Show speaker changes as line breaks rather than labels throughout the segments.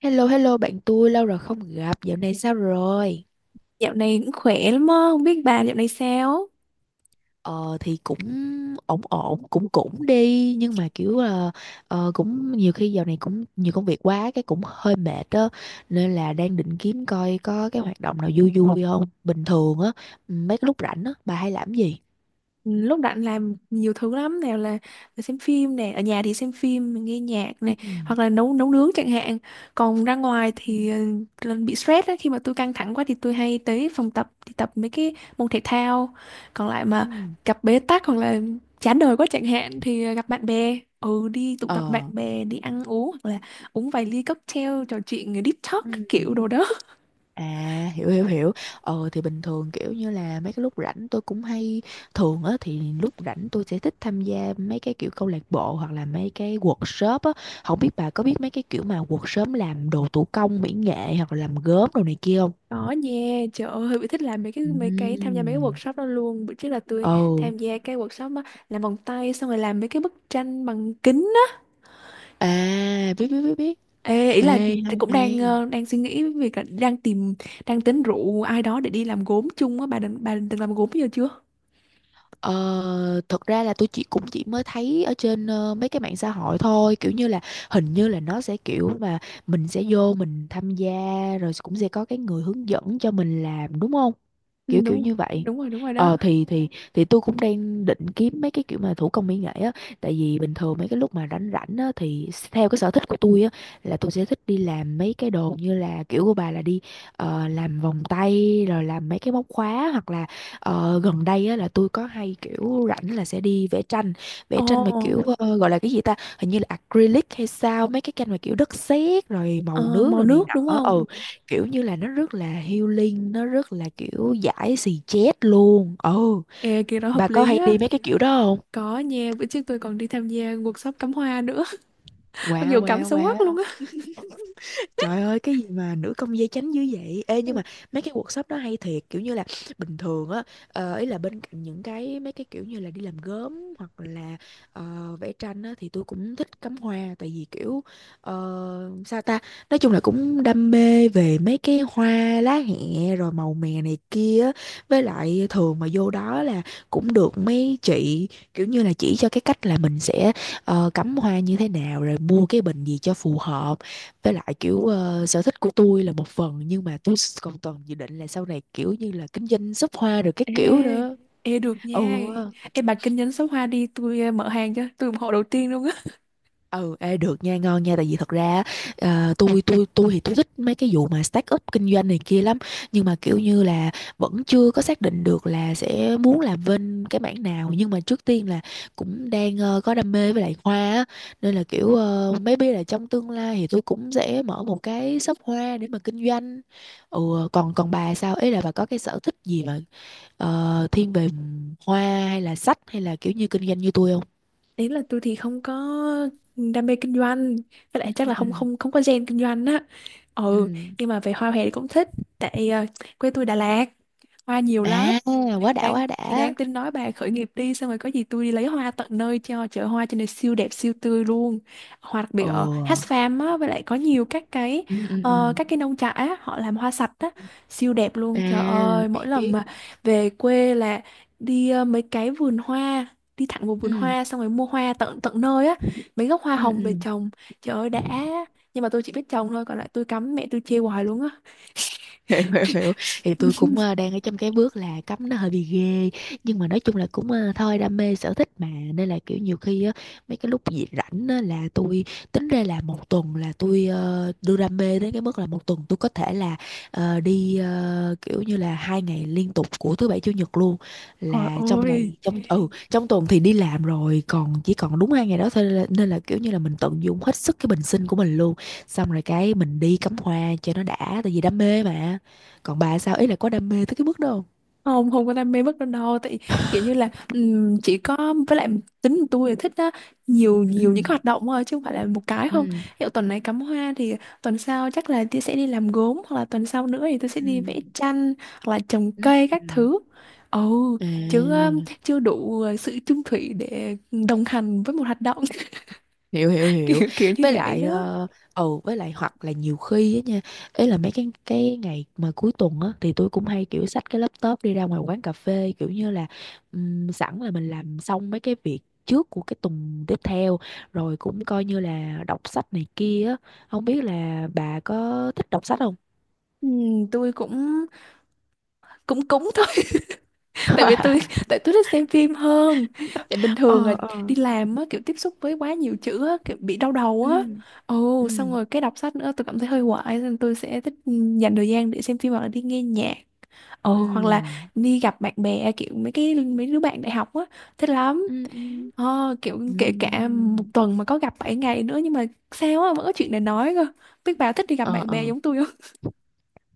Hello hello bạn tôi, lâu rồi không gặp. Dạo này sao rồi?
Dạo này cũng khỏe lắm á, không biết bà dạo này sao?
Ờ thì cũng ổn ổn, cũng cũng đi, nhưng mà kiểu là cũng nhiều khi dạo này cũng nhiều công việc quá, cái cũng hơi mệt á, nên là đang định kiếm coi có cái hoạt động nào vui vui không, bình thường á, mấy cái lúc rảnh á bà hay làm gì?
Ừ, lúc rảnh làm nhiều thứ lắm, nào là xem phim nè, ở nhà thì xem phim, nghe nhạc
Ừ.
này, hoặc là nấu nấu nướng chẳng hạn. Còn ra ngoài
Ừ.
thì lần bị stress á, khi mà tôi căng thẳng quá thì tôi hay tới phòng tập thì tập mấy cái môn thể thao. Còn lại mà
Ừ.
gặp bế tắc hoặc là chán đời quá chẳng hạn thì gặp bạn bè. Ừ, đi tụ tập bạn
Ờ.
bè, đi ăn uống hoặc là uống vài ly cocktail, trò chuyện deep talk
Ừ.
các kiểu đồ đó.
À, hiểu hiểu hiểu. Thì bình thường kiểu như là mấy cái lúc rảnh tôi cũng hay thường á, thì lúc rảnh tôi sẽ thích tham gia mấy cái kiểu câu lạc bộ hoặc là mấy cái workshop á. Không biết bà có biết mấy cái kiểu mà workshop làm đồ thủ công mỹ nghệ hoặc là làm gốm đồ này kia không?
Có nha, trời ơi, Huy bị thích làm mấy cái tham gia mấy cái
Ừm.
workshop đó luôn. Bữa trước là tôi
Ừ.
tham gia cái workshop á, làm vòng tay xong rồi làm mấy cái bức tranh bằng kính á.
À, biết biết biết biết.
Ê, ý
Ê,
là tôi
hay
cũng đang
hay.
ờ, đang suy nghĩ việc là đang tính rủ ai đó để đi làm gốm chung á. Bà định từng làm gốm giờ chưa?
Ờ, thật ra là tôi cũng chỉ mới thấy ở trên mấy cái mạng xã hội thôi, kiểu như là hình như là nó sẽ kiểu mà mình sẽ vô mình tham gia, rồi cũng sẽ có cái người hướng dẫn cho mình làm, đúng không,
Ừ,
kiểu
đúng
kiểu
rồi,
như vậy.
đúng rồi, đúng rồi đó.
Thì thì tôi cũng đang định kiếm mấy cái kiểu mà thủ công mỹ nghệ á, tại vì bình thường mấy cái lúc mà rảnh rảnh á thì theo cái sở thích của tôi á, là tôi sẽ thích đi làm mấy cái đồ như là kiểu của bà, là đi làm vòng tay rồi làm mấy cái móc khóa, hoặc là gần đây á, là tôi có hay kiểu rảnh là sẽ đi vẽ tranh, vẽ
Ồ,
tranh mà kiểu gọi là cái gì ta, hình như là acrylic hay sao, mấy cái tranh mà kiểu đất sét rồi màu
ờ,
nước
màu
rồi này
nước đúng
nọ,
không?
ừ, kiểu như là nó rất là healing, nó rất là kiểu giải xì chét luôn, ừ,
Ê, kia đó hợp
bà có
lý
hay
á.
đi mấy cái kiểu đó không?
Có nha, bữa trước tôi còn đi tham gia workshop cắm hoa nữa. Mặc
Wow
dù cắm
wow
xấu quắc luôn
wow.
á.
Trời ơi, cái gì mà nữ công gia chánh dữ vậy? Ê, nhưng mà mấy cái workshop đó hay thiệt. Kiểu như là bình thường á, ý là bên cạnh những cái mấy cái kiểu như là đi làm gốm, hoặc là ờ, vẽ tranh á, thì tôi cũng thích cắm hoa. Tại vì kiểu sao ta, nói chung là cũng đam mê về mấy cái hoa lá hẹ, rồi màu mè này kia á. Với lại thường mà vô đó là cũng được mấy chị kiểu như là chỉ cho cái cách là mình sẽ cắm hoa như thế nào, rồi mua cái bình gì cho phù hợp. Với lại kiểu sở thích của tôi là một phần, nhưng mà tôi còn toàn dự định là sau này kiểu như là kinh doanh shop hoa rồi các
Ê,
kiểu nữa.
ê được
Ừ.
nha. Ê bà kinh doanh số hoa đi, tôi mở hàng cho, tôi ủng hộ đầu tiên luôn á.
Ừ, ê, được nha, ngon nha, tại vì thật ra à, tôi thì tôi thích mấy cái vụ mà start up kinh doanh này kia lắm, nhưng mà kiểu như là vẫn chưa có xác định được là sẽ muốn làm bên cái mảng nào, nhưng mà trước tiên là cũng đang có đam mê với lại hoa á, nên là kiểu maybe là trong tương lai thì tôi cũng sẽ mở một cái shop hoa để mà kinh doanh. Ừ, còn còn bà sao, ấy là bà có cái sở thích gì mà thiên về hoa, hay là sách, hay là kiểu như kinh doanh như tôi không?
Ý là tôi thì không có đam mê kinh doanh, với lại chắc
Ừ.
là
Ừ.
không không không có gen kinh doanh á. Ừ,
Ừ.
nhưng mà về hoa hè thì cũng thích, tại quê tôi Đà Lạt, hoa nhiều lắm.
À, quá đã
đang
quá
thì
đã.
đang tính nói bà khởi nghiệp đi xong rồi có gì tôi đi lấy hoa tận nơi cho. Chợ hoa trên này siêu đẹp siêu tươi luôn, hoa đặc biệt ở
Ồ.
Hatch Farm á, với lại có nhiều các cái
Ừ, ừ,
các
ừ.
cái nông trại á họ làm hoa sạch á, siêu đẹp
À,
luôn. Trời ơi mỗi
biết
lần
biết.
mà về quê là đi mấy cái vườn hoa, đi thẳng vào vườn
Ừ,
hoa xong rồi mua hoa tận tận nơi á, mấy gốc hoa
ừ,
hồng về
ừ.
trồng. Trời ơi đã. Nhưng mà tôi chỉ biết trồng thôi còn lại tôi cắm mẹ tôi chê hoài luôn á.
Hiểu hiểu hiểu. Thì tôi cũng đang ở trong cái bước là cấm nó hơi bị ghê, nhưng mà nói chung là cũng thôi, đam mê sở thích mà, nên là kiểu nhiều khi á, mấy cái lúc gì rảnh á, là tôi tính ra là một tuần là tôi đưa đam mê đến cái mức là một tuần tôi có thể là kiểu như là 2 ngày liên tục của thứ bảy chủ nhật luôn,
Trời
là trong
ơi
ngày, trong tuần thì đi làm rồi, còn chỉ còn đúng 2 ngày đó thôi, nên là kiểu như là mình tận dụng hết sức cái bình sinh của mình luôn, xong rồi cái mình đi cắm hoa cho nó đã, tại vì đam mê mà. Còn bà sao, ý là có đam mê tới cái mức đó không?
không không có đam mê bất đâu đâu, tại kiểu như là chỉ có với lại tính của tôi là thích á, nhiều
Ừ.
nhiều những cái hoạt động thôi chứ không phải là một cái không
Ừ.
hiệu. Tuần này cắm hoa thì tuần sau chắc là tôi sẽ đi làm gốm hoặc là tuần sau nữa thì tôi
Ừ.
sẽ đi vẽ tranh hoặc là trồng
Ừ.
cây các
Ừ.
thứ. ồ Chứ
À,
chưa đủ sự chung thủy để đồng hành với một hoạt động.
hiểu hiểu hiểu.
kiểu kiểu như
Với
vậy
lại
đó.
với lại hoặc là nhiều khi á nha, ấy là mấy cái ngày mà cuối tuần á, thì tôi cũng hay kiểu xách cái laptop đi ra ngoài quán cà phê, kiểu như là sẵn là mình làm xong mấy cái việc trước của cái tuần tiếp theo, rồi cũng coi như là đọc sách này kia á. Không biết là bà có thích đọc sách không?
Tôi cũng cũng cũng thôi, tại vì tôi tại tôi thích xem phim hơn, tại bình thường là
Ờ. Ờ.
đi làm á kiểu tiếp xúc với quá nhiều chữ á kiểu bị đau đầu
Ừ.
á.
Ừ.
Xong rồi cái đọc sách nữa tôi cảm thấy hơi hoài nên tôi sẽ thích dành thời gian để xem phim hoặc là đi nghe nhạc,
Ừ.
hoặc là đi gặp bạn bè kiểu mấy đứa bạn đại học á, thích lắm.
Ừ. Ừ.
Kiểu
Ừ.
kể cả một tuần mà có gặp 7 ngày nữa nhưng mà sao á vẫn có chuyện để nói cơ. Biết bà thích đi gặp
Ờ.
bạn bè
Ờ.
giống tôi không?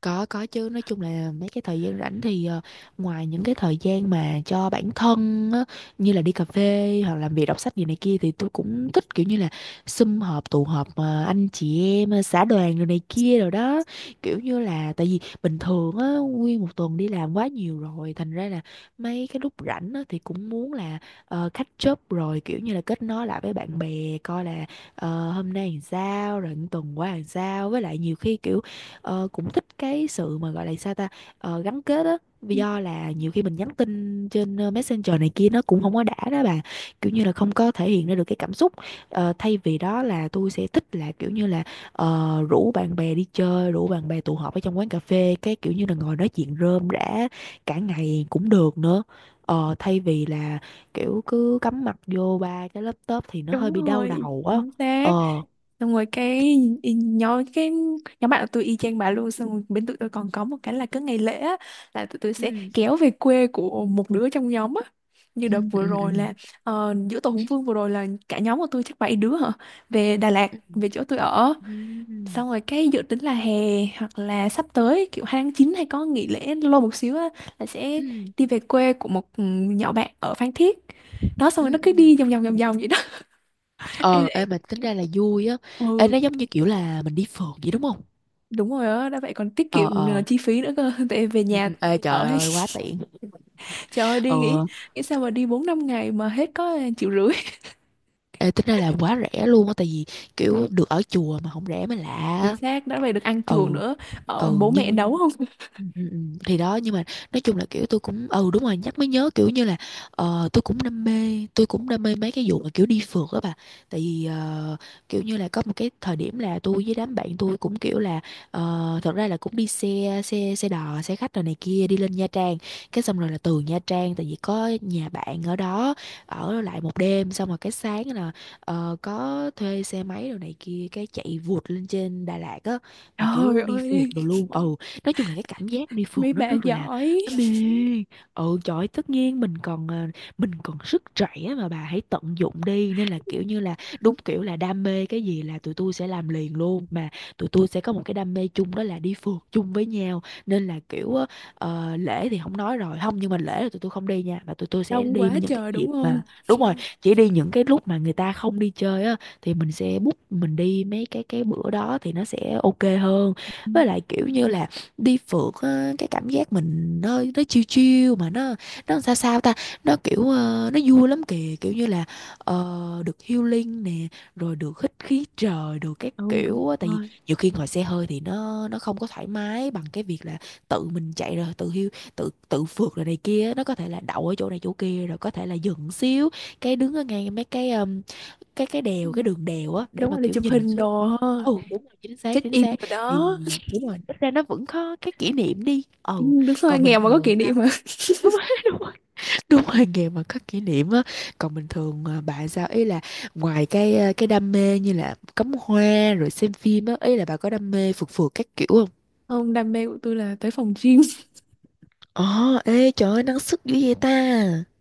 Có chứ, nói chung là mấy cái thời gian rảnh thì ngoài những cái thời gian mà cho bản thân á, như là đi cà phê hoặc làm việc đọc sách gì này kia, thì tôi cũng thích kiểu như là sum họp tụ họp anh chị em xã đoàn rồi này kia rồi đó, kiểu như là, tại vì bình thường á, nguyên một tuần đi làm quá nhiều rồi, thành ra là mấy cái lúc rảnh á, thì cũng muốn là catch up rồi, kiểu như là kết nối lại với bạn bè, coi là hôm nay làm sao rồi, tuần qua làm sao. Với lại nhiều khi kiểu cũng thích cái sự mà gọi là sao ta, gắn kết á. Vì do là nhiều khi mình nhắn tin trên Messenger này kia, nó cũng không có đã đó bà, kiểu như là không có thể hiện ra được cái cảm xúc. Thay vì đó là tôi sẽ thích là kiểu như là rủ bạn bè đi chơi, rủ bạn bè tụ họp ở trong quán cà phê, cái kiểu như là ngồi nói chuyện rơm rả cả ngày cũng được nữa. Ờ, thay vì là kiểu cứ cắm mặt vô ba cái laptop thì nó hơi
Đúng
bị đau
rồi,
đầu á.
chính xác.
Ờ.
Xong rồi cái y- nhóm cái nhóm bạn của tôi y chang bà luôn, xong rồi bên tụi tôi còn có một cái là cứ ngày lễ á, là tụi tôi sẽ
Ừ.
kéo về quê của một đứa trong nhóm á. Như
Ừ.
đợt vừa
Ừ. Ừ.
rồi là giữa tổ Hùng Vương vừa rồi là cả nhóm của tôi chắc 7 đứa hả, về Đà Lạt
Ừ.
về chỗ tôi ở.
Ừ.
Xong rồi cái dự tính là hè hoặc là sắp tới kiểu 2/9 hay có nghỉ lễ lâu một xíu á, là sẽ
Ừ.
đi về quê của một nhỏ bạn ở Phan Thiết đó, xong rồi nó
Ừ. Ừ.
cứ đi vòng vòng vòng vòng vậy đó.
Ờ, ê, mà tính ra là vui á. Ê,
Ừ
nó giống như kiểu là mình đi phượt vậy đúng không?
đúng rồi đó, đã vậy còn tiết
Ờ.
kiệm
Ờ.
chi phí nữa cơ. Tại về
Ừ,
nhà
ừ. Ê,
ở
trời
hết.
ơi, quá tiện.
Trời ơi đi nghĩ
Ờ.
nghĩ sao mà đi 4-5 ngày mà hết có triệu rưỡi.
Ê, tính ra là quá rẻ luôn á, tại vì kiểu được ở chùa mà không rẻ mới
Chính
lạ.
xác, đã vậy được ăn chuồng
Ừ.
nữa, ở
Ừ
bố
nhưng
mẹ nấu không.
ừ, ừ, ừ. Thì đó, nhưng mà nói chung là kiểu tôi cũng ừ đúng rồi, nhắc mới nhớ, kiểu như là tôi cũng đam mê, tôi cũng đam mê mấy cái vụ mà kiểu đi phượt á bà, tại vì kiểu như là có một cái thời điểm là tôi với đám bạn tôi cũng kiểu là thật ra là cũng đi xe, xe đò, xe khách rồi này kia, đi lên Nha Trang, cái xong rồi là từ Nha Trang, tại vì có nhà bạn ở đó, ở lại một đêm, xong rồi cái sáng là có thuê xe máy rồi này kia, cái chạy vụt lên trên Đà Lạt á, mà
Trời
kiểu đi phượt
ơi
đồ luôn, ừ. Nói chung là cái cảm giác đi phượt
mấy
nó
bà
rất là,
giỏi.
nó mê. Ừ, trời ơi, tất nhiên mình còn mình còn sức trẻ, mà bà hãy tận dụng đi, nên là kiểu như là đúng kiểu là đam mê cái gì là tụi tôi sẽ làm liền luôn mà. Tụi tôi sẽ có một cái đam mê chung đó là đi phượt chung với nhau, nên là kiểu á, lễ thì không nói rồi, không, nhưng mà lễ là tụi tôi không đi nha, mà tụi tôi sẽ
Đông
đi
quá
những cái
trời
dịp
đúng không.
mà đúng rồi, chỉ đi những cái lúc mà người ta không đi chơi á, thì mình sẽ book mình đi mấy cái bữa đó thì nó sẽ ok hơn.
Ừ,
Với lại kiểu như là đi phượt á, cái cảm giác mình, nó chill chill mà nó sao sao ta, nó kiểu nó vui lắm kìa, kiểu như là được healing nè, rồi được hít khí trời, được các
ừ, đúng
kiểu á. Tại vì
rồi.
nhiều khi ngồi xe hơi thì nó không có thoải mái bằng cái việc là tự mình chạy rồi tự hiu tự tự phượt rồi này kia, nó có thể là đậu ở chỗ này chỗ kia, rồi có thể là dừng xíu cái đứng ở ngay mấy cái cái
Ừ,
đèo, cái đường đèo á, để
đúng
mà
rồi để
kiểu
chụp
nhìn
hình
xuống.
đồ ha,
Ừ đúng rồi, chính xác
check
chính
in
xác.
rồi
Thì
đó.
đúng rồi, ít ra nó vẫn có cái kỷ niệm đi.
Ừ,
Ừ,
đúng rồi,
còn bình
nghèo mà có
thường
kỷ niệm
sao?
mà.
Đúng rồi đúng rồi, đúng rồi nghề mà có kỷ niệm á. Còn bình thường à, bà sao, ý là ngoài cái cái đam mê như là cắm hoa rồi xem phim á, ý là bà có đam mê phượt phượt các kiểu không?
Không, đam mê của tôi là tới phòng gym.
Ồ, ê trời ơi năng sức dữ vậy ta.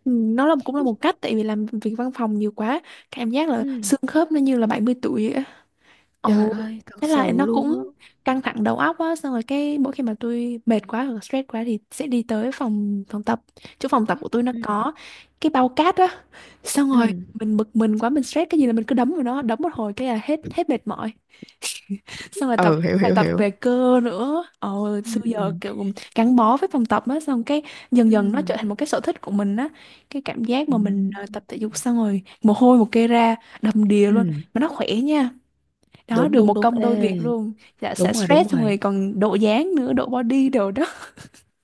Ừ, nó là cũng là một cách, tại vì làm việc văn phòng nhiều quá, cảm giác là
Ừ,
xương khớp nó như là 70 tuổi vậy á.
trời
ồ
ơi, thật
Thế là
sự
nó
luôn á.
cũng căng thẳng đầu óc á, xong rồi cái mỗi khi mà tôi mệt quá hoặc là stress quá thì sẽ đi tới phòng phòng tập, chỗ phòng tập của tôi nó
Ừ
có cái bao cát á. Xong
ừ,
rồi mình bực mình quá, mình stress cái gì là mình cứ đấm vào nó, đấm một hồi cái là hết hết mệt mỏi. Xong rồi tập
ừ, hiểu
bài
hiểu
tập
hiểu.
về cơ nữa. Ồ,
Ừ
xưa
ừ.
giờ kiểu gắn bó với phòng tập á, xong cái dần
Ừ.
dần nó trở thành một cái sở thích của mình á. Cái cảm giác
Ừ,
mà mình tập thể dục xong rồi mồ hôi một kê ra đầm đìa luôn
ừ,
mà nó khỏe nha. Đó,
đúng
được
đúng
một
đúng.
công đôi
Ê,
việc luôn. Dạ sẽ
đúng rồi đúng
stress xong
rồi.
rồi còn độ dáng nữa, độ body đồ đó.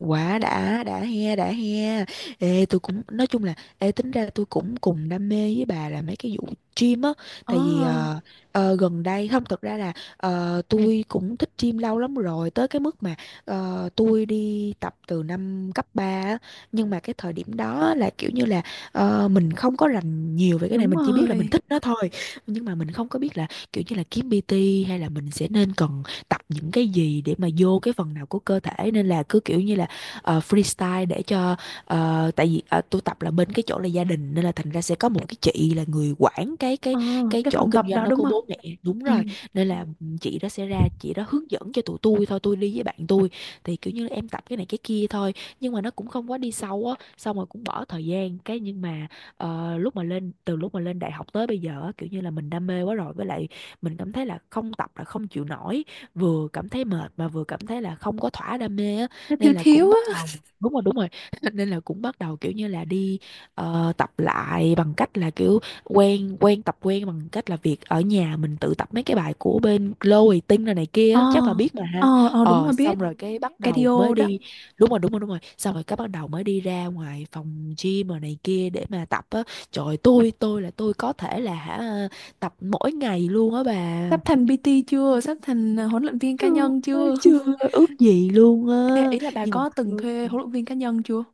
Quá đã he, đã he. Ê, tôi cũng, nói chung là, ê, tính ra tôi cũng cùng đam mê với bà là mấy cái vụ gym á.
Ờ,
Tại vì gần đây, không, thật ra là tôi cũng thích gym lâu lắm rồi. Tới cái mức mà tôi đi tập từ năm cấp 3 á. Nhưng mà cái thời điểm đó là kiểu như là mình không có rành nhiều về cái này.
đúng
Mình chỉ biết là mình
rồi.
thích nó thôi. Nhưng mà mình không có biết là kiểu như là kiếm PT hay là mình sẽ nên cần tập những cái gì để mà vô cái phần nào của cơ thể. Nên là cứ kiểu như là freestyle để cho tại vì tôi tập là bên cái chỗ là gia đình, nên là thành ra sẽ có một cái chị là người quản cái cái
Ờ,
cái
cái
chỗ
phòng
kinh
tập
doanh
đó
đó
đúng
của
không?
bố mẹ. Đúng
Ừ.
rồi, nên là chị đó sẽ ra, chị đó hướng dẫn cho tụi tôi thôi, tôi đi với bạn tôi, thì kiểu như là em tập cái này cái kia thôi, nhưng mà nó cũng không quá đi sâu á, xong rồi cũng bỏ thời gian cái, nhưng mà lúc mà lên, từ lúc mà lên đại học tới bây giờ á, kiểu như là mình đam mê quá rồi, với lại mình cảm thấy là không tập là không chịu nổi, vừa cảm thấy mệt mà vừa cảm thấy là không có thỏa đam mê á,
Nó thiếu
nên là cũng
thiếu
bắt
á.
đầu. Đúng rồi đúng rồi nên là cũng bắt đầu kiểu như là đi tập lại bằng cách là kiểu quen quen tập quen bằng cách là việc ở nhà mình tự tập mấy cái bài của bên Chloe Ting này này kia
Ờ,
á, chắc bà biết mà
ờ,
ha.
ờ đúng
Ờ,
rồi biết.
xong rồi cái bắt đầu mới
Cardio đó.
đi. Đúng rồi đúng rồi đúng rồi, xong rồi cái bắt đầu mới đi ra ngoài phòng gym rồi này kia để mà tập á. Trời ơi, tôi là tôi có thể là hả, tập mỗi ngày luôn á bà.
Sắp thành PT chưa, sắp thành huấn luyện viên cá
Chưa,
nhân chưa?
chưa, ước gì luôn
Ê,
á.
ý là bà
Nhưng mà,
có từng thuê huấn luyện viên cá nhân chưa?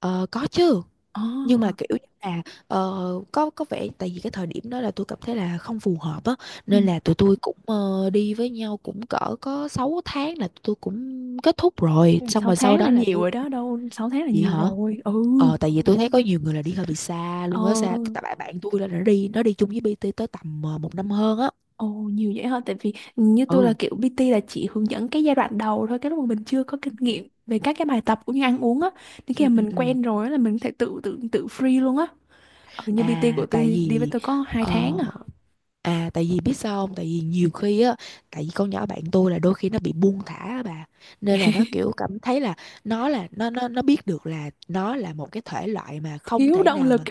ờ, có chứ.
Ờ,
Nhưng mà kiểu như là ờ, có vẻ tại vì cái thời điểm đó là tôi cảm thấy là không phù hợp á,
ừ.
nên là tụi tôi cũng đi với nhau cũng cỡ có 6 tháng là tụi tôi cũng kết thúc rồi, xong
6
rồi sau
tháng là
đó là
nhiều
tôi.
rồi đó, đâu 6 tháng là
Vậy
nhiều
hả?
rồi. Ừ.
Ờ, tại vì tôi thấy có nhiều người là đi hơi bị xa
Ờ.
luôn á, xa tại bạn bạn tôi là nó đi, nó đi chung với BT tới tầm 1 năm hơn á.
Ồ nhiều vậy hả, tại vì như tôi là
Ừ
kiểu PT là chỉ hướng dẫn cái giai đoạn đầu thôi, cái lúc mà mình chưa có kinh nghiệm về các cái bài tập cũng như ăn uống á, thì khi
ừ
mà
ừ
mình
ừ.
quen rồi á là mình có thể tự tự tự free luôn á, ở như PT
À
của
tại
tôi đi với
vì
tôi có 2 tháng
ờ,
à.
à tại vì biết sao không? Tại vì nhiều khi á, tại vì con nhỏ bạn tôi là đôi khi nó bị buông thả á bà. Nên là nó kiểu cảm thấy là nó là nó biết được là nó là một cái thể loại mà không
Thiếu
thể
động
nào
lực.
mà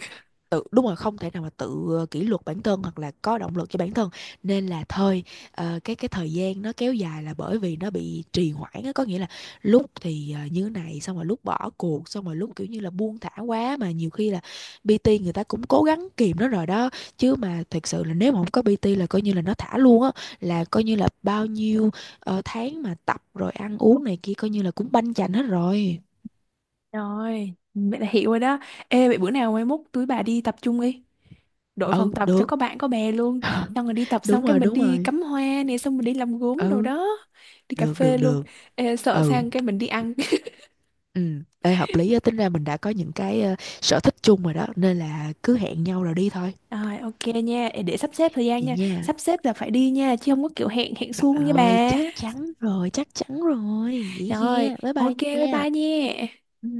tự, đúng rồi, không thể nào mà tự kỷ luật bản thân hoặc là có động lực cho bản thân, nên là thôi. Ờ, cái thời gian nó kéo dài là bởi vì nó bị trì hoãn á, có nghĩa là lúc thì như thế này, xong rồi lúc bỏ cuộc, xong rồi lúc kiểu như là buông thả quá, mà nhiều khi là PT người ta cũng cố gắng kìm nó rồi đó, chứ mà thật sự là nếu mà không có PT là coi như là nó thả luôn á, là coi như là bao nhiêu tháng mà tập rồi ăn uống này kia coi như là cũng banh chành hết rồi.
Rồi, vậy là hiểu rồi đó. Ê, vậy bữa nào mai mốt tụi bà đi tập chung đi. Đội
Ừ
phòng tập cho
được.
có bạn có bè luôn. Xong rồi đi tập
Đúng
xong cái
rồi
mình
đúng
đi
rồi.
cắm hoa nè, xong mình đi làm gốm đồ
Ừ
đó. Đi cà
được được
phê luôn.
được.
Ê, sợ
Ừ
sang cái mình đi ăn.
ừ, ê hợp lý á, tính ra mình đã có những cái sở thích chung rồi đó, nên là cứ hẹn nhau rồi đi thôi.
Rồi, ok nha. Ê, để sắp xếp thời gian
Vậy
nha.
nha,
Sắp xếp là phải đi nha, chứ không có kiểu hẹn hẹn
trời
suông nha
ơi
bà.
chắc chắn rồi chắc chắn rồi, vậy
Rồi,
kia bye bye
ok, bye
nha.
bye nha.